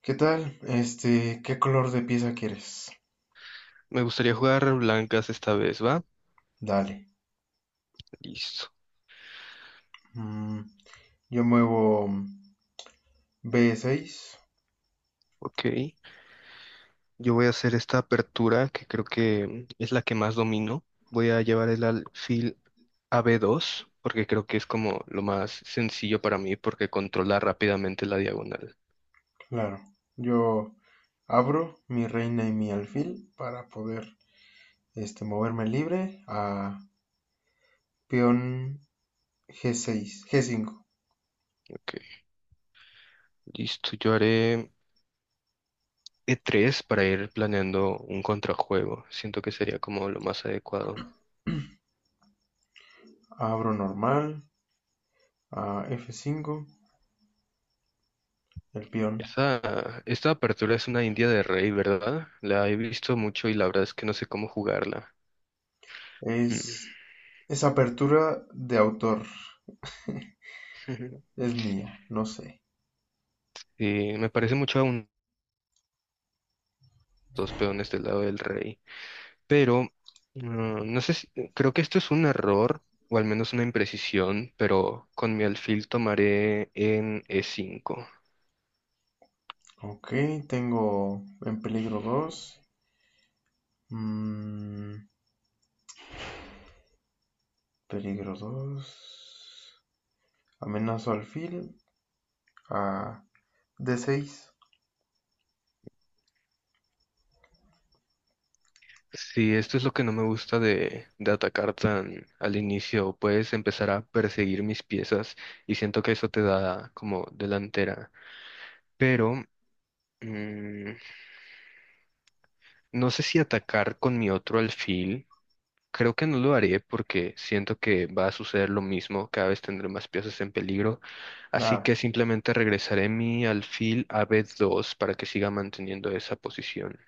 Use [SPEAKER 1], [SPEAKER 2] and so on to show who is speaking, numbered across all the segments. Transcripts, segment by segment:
[SPEAKER 1] ¿Qué tal? ¿Qué color de pieza quieres?
[SPEAKER 2] Me gustaría jugar blancas esta vez, ¿va?
[SPEAKER 1] Dale.
[SPEAKER 2] Listo.
[SPEAKER 1] Mm, yo muevo B6,
[SPEAKER 2] Ok. Yo voy a hacer esta apertura que creo que es la que más domino. Voy a llevar el alfil a b dos, porque creo que es como lo más sencillo para mí porque controla rápidamente la diagonal.
[SPEAKER 1] claro. Yo abro mi reina y mi alfil para poder moverme libre a peón G6, G5.
[SPEAKER 2] Ok. Listo. Yo haré e tres para ir planeando un contrajuego. Siento que sería como lo más adecuado.
[SPEAKER 1] Abro normal a F5, el peón.
[SPEAKER 2] Esta apertura es una india de rey, ¿verdad? La he visto mucho y la verdad es que no sé cómo jugarla. Hmm.
[SPEAKER 1] Es, es apertura de autor, es mía, no sé.
[SPEAKER 2] Sí, me parece mucho a un- dos peones del lado del rey. Pero no, no sé si, creo que esto es un error, o al menos una imprecisión, pero con mi alfil tomaré en E5.
[SPEAKER 1] Ok, tengo en peligro 2. Mm, Peligro 2, amenazo alfil a D6.
[SPEAKER 2] Sí, esto es lo que no me gusta de atacar tan al inicio. Puedes empezar a perseguir mis piezas y siento que eso te da como delantera. Pero mm, no sé si atacar con mi otro alfil. Creo que no lo haré porque siento que va a suceder lo mismo, cada vez tendré más piezas en peligro, así
[SPEAKER 1] La
[SPEAKER 2] que simplemente regresaré mi alfil a B2 para que siga manteniendo esa posición.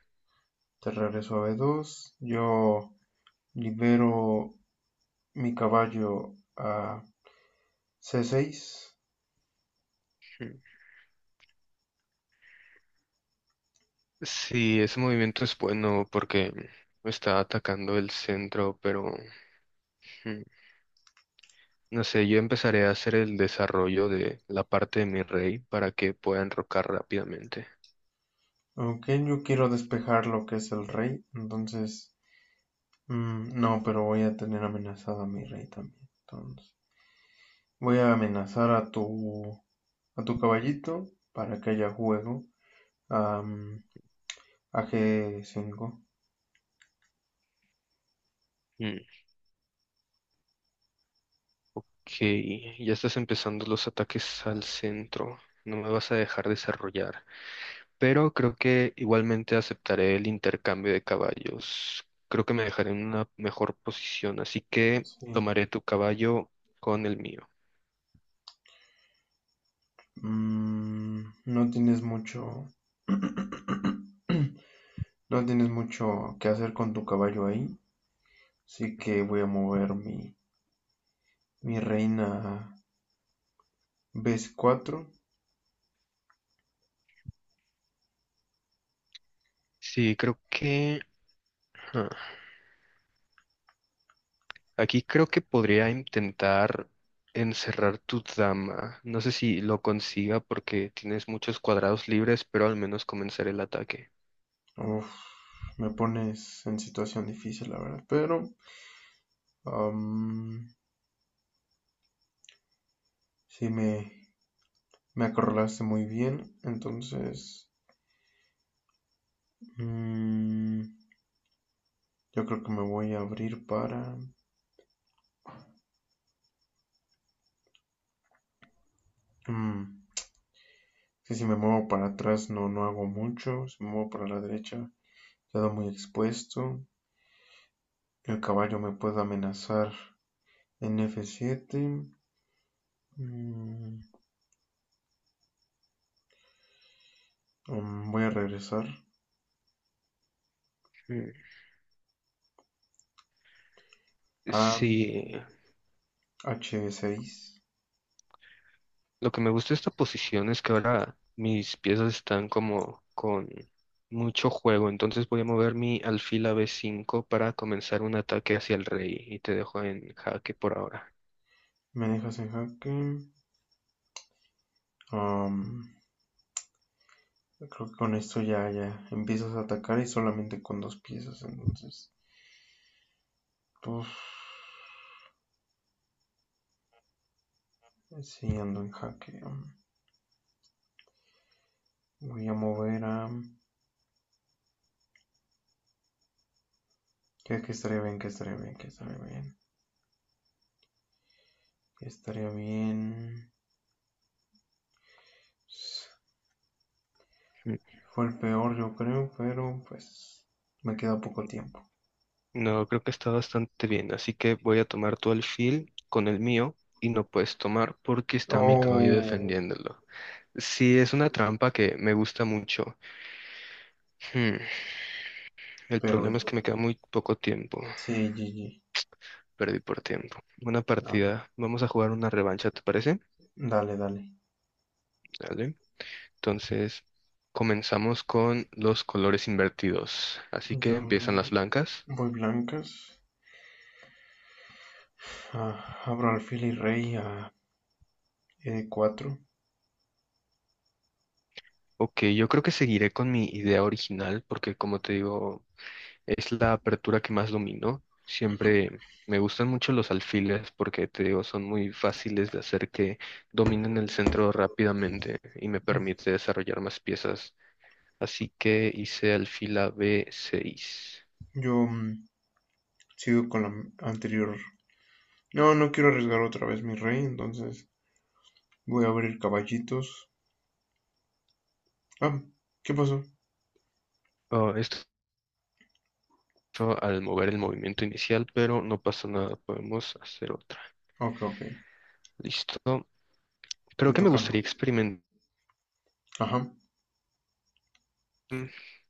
[SPEAKER 1] terraria suave dos, yo libero mi caballo a C6.
[SPEAKER 2] Hmm. Sí, ese movimiento es bueno porque está atacando el centro, pero hmm, no sé, yo empezaré a hacer el desarrollo de la parte de mi rey para que pueda enrocar rápidamente.
[SPEAKER 1] Aunque yo quiero despejar lo que es el rey. Entonces, mm, no, pero voy a tener amenazado a mi rey también. Entonces, voy a amenazar a a tu caballito para que haya juego. am, a G5.
[SPEAKER 2] Mm, ok, ya estás empezando los ataques al centro. No me vas a dejar desarrollar. Pero creo que igualmente aceptaré el intercambio de caballos. Creo que me dejaré en una mejor posición, así que
[SPEAKER 1] Sí.
[SPEAKER 2] tomaré tu caballo con el mío.
[SPEAKER 1] Mm, no tienes mucho... No tienes mucho que hacer con tu caballo ahí, así que voy a mover mi reina a B4.
[SPEAKER 2] Sí, creo que... ah, aquí creo que podría intentar encerrar tu dama. No sé si lo consiga porque tienes muchos cuadrados libres, pero al menos comenzaré el ataque.
[SPEAKER 1] Uf, me pones en situación difícil, la verdad, pero am, sí me acorralaste muy bien, entonces mm, yo creo que me voy a abrir para... mm, que si me muevo para atrás no, no hago mucho, si me muevo para la derecha quedo muy expuesto. El caballo me puede amenazar en F7. Mm, mm, Voy a regresar
[SPEAKER 2] Mm.
[SPEAKER 1] a
[SPEAKER 2] Sí,
[SPEAKER 1] H6.
[SPEAKER 2] lo que me gusta de esta posición es que ahora mis piezas están como con mucho juego, entonces voy a mover mi alfil a B5 para comenzar un ataque hacia el rey y te dejo en jaque por ahora.
[SPEAKER 1] Me dejas en jaque. Um, Creo que con esto ya empiezas a atacar y solamente con dos piezas. Entonces, pues, sí ando en jaque. Voy a mover a. que estaría bien? Que estaría bien? Que estaría bien? ¿Qué estaría bien?
[SPEAKER 2] Mm.
[SPEAKER 1] Fue el peor, yo creo, pero pues me queda poco tiempo.
[SPEAKER 2] No, creo que está bastante bien, así que voy a tomar tu alfil con el mío y no puedes tomar porque está mi caballo
[SPEAKER 1] Oh,
[SPEAKER 2] defendiéndolo. Sí, es una trampa que me gusta mucho. Hmm, el
[SPEAKER 1] pero
[SPEAKER 2] problema es que me queda muy poco tiempo.
[SPEAKER 1] sí, GG.
[SPEAKER 2] Perdí por tiempo. Buena
[SPEAKER 1] A ver,
[SPEAKER 2] partida. Vamos a jugar una revancha, ¿te parece?
[SPEAKER 1] dale, dale.
[SPEAKER 2] ¿Vale? Entonces, comenzamos con los colores invertidos. Así que
[SPEAKER 1] Yo
[SPEAKER 2] empiezan las blancas.
[SPEAKER 1] voy blancas. Ah, abro alfil y rey a E4.
[SPEAKER 2] Ok, yo creo que seguiré con mi idea original porque, como te digo, es la apertura que más domino. Siempre me gustan mucho los alfiles porque, te digo, son muy fáciles de hacer que dominen el centro rápidamente y me permite desarrollar más piezas. Así que hice alfil a B6.
[SPEAKER 1] Yo mm, Sigo con la anterior. No, no quiero arriesgar otra vez mi rey, entonces voy a abrir caballitos. Ah, ¿qué pasó?
[SPEAKER 2] Oh, esto mucho al mover el movimiento inicial, pero no pasa nada, podemos hacer otra.
[SPEAKER 1] Ok, ok.
[SPEAKER 2] Listo. Creo
[SPEAKER 1] Te
[SPEAKER 2] que me
[SPEAKER 1] tocamos.
[SPEAKER 2] gustaría experimentar.
[SPEAKER 1] Ajá.
[SPEAKER 2] mm,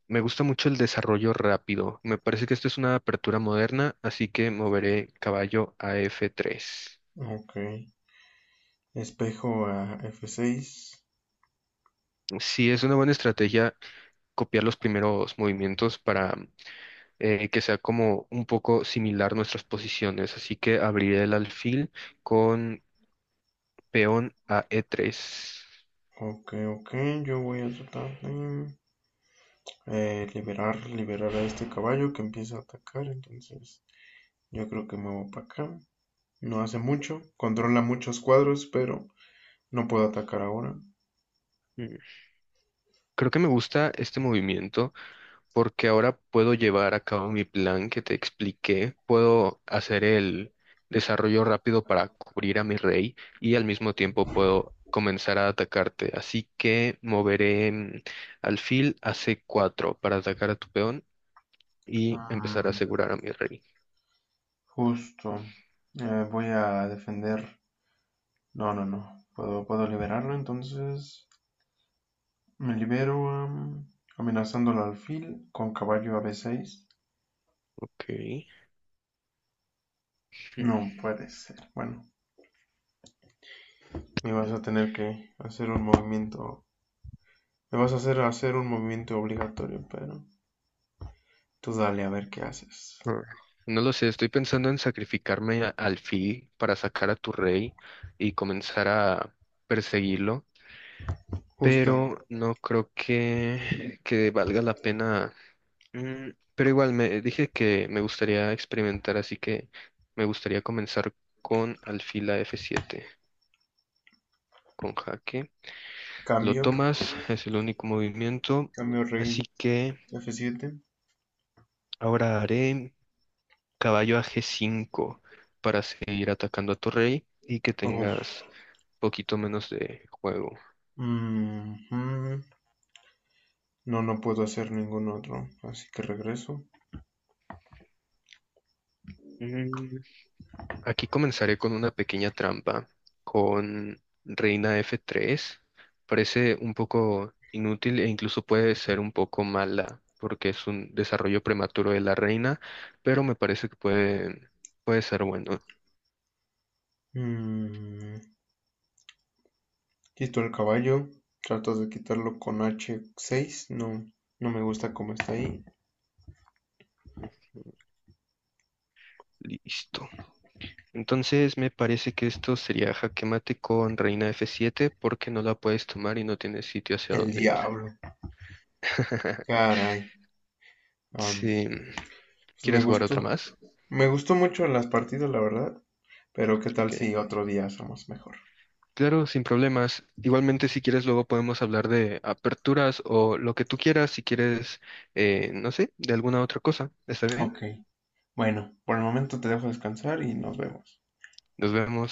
[SPEAKER 2] Me gusta mucho el desarrollo rápido. Me parece que esto es una apertura moderna, así que moveré caballo a F3.
[SPEAKER 1] Ok. Espejo a F6.
[SPEAKER 2] Sí, es una buena estrategia copiar los primeros movimientos para que sea como un poco similar nuestras posiciones. Así que abriré el alfil con peón a E3.
[SPEAKER 1] Ok, ok, yo voy a tratar de liberar a este caballo que empieza a atacar, entonces yo creo que me voy para acá. No hace mucho, controla muchos cuadros, pero no puedo atacar ahora.
[SPEAKER 2] Mm, creo que me gusta este movimiento porque ahora puedo llevar a cabo mi plan que te expliqué, puedo hacer el desarrollo rápido para cubrir a mi rey y al mismo tiempo puedo comenzar a atacarte. Así que moveré alfil a C4 para atacar a tu peón y empezar a
[SPEAKER 1] Mm,
[SPEAKER 2] asegurar a mi rey.
[SPEAKER 1] Justo, voy a defender. No, no, no, puedo liberarlo, entonces me libero amenazando al alfil con caballo a B6.
[SPEAKER 2] Ok. Hmm.
[SPEAKER 1] No puede ser. Bueno, me vas a tener que hacer un movimiento. Me vas a hacer un movimiento obligatorio, pero tú dale a ver qué haces.
[SPEAKER 2] Ah, no lo sé, estoy pensando en sacrificarme a- al alfil para sacar a tu rey y comenzar a perseguirlo.
[SPEAKER 1] Justo.
[SPEAKER 2] Pero no creo que valga la pena. Mm, pero igual me dije que me gustaría experimentar, así que me gustaría comenzar con alfila F7, con jaque. Lo
[SPEAKER 1] Cambio.
[SPEAKER 2] tomas, es el único movimiento,
[SPEAKER 1] Cambio rey
[SPEAKER 2] así que
[SPEAKER 1] F7.
[SPEAKER 2] ahora haré caballo a G5 para seguir atacando a tu rey y que
[SPEAKER 1] Uf.
[SPEAKER 2] tengas poquito menos de juego.
[SPEAKER 1] Mhm. No, no puedo hacer ningún otro. Así que regreso.
[SPEAKER 2] Aquí comenzaré con una pequeña trampa, con reina F3. Parece un poco inútil e incluso puede ser un poco mala, porque es un desarrollo prematuro de la reina, pero me parece que puede ser bueno.
[SPEAKER 1] Mm, Quito el caballo. Trato de quitarlo con H6. No, no me gusta cómo está ahí.
[SPEAKER 2] Ujú, listo. Entonces me parece que esto sería jaque mate con reina F7 porque no la puedes tomar y no tienes sitio hacia
[SPEAKER 1] El
[SPEAKER 2] dónde ir.
[SPEAKER 1] diablo. Caray. Am,
[SPEAKER 2] Sí.
[SPEAKER 1] pues me
[SPEAKER 2] ¿Quieres jugar otra
[SPEAKER 1] gustó.
[SPEAKER 2] más?
[SPEAKER 1] Me gustó mucho las partidas, la verdad. Pero qué
[SPEAKER 2] Ok.
[SPEAKER 1] tal si otro día somos mejor.
[SPEAKER 2] Claro, sin problemas. Igualmente, si quieres, luego podemos hablar de aperturas o lo que tú quieras, si quieres, no sé, de alguna otra cosa. ¿Está bien?
[SPEAKER 1] Ok. Bueno, por el momento te dejo descansar y nos vemos.
[SPEAKER 2] Nos vemos.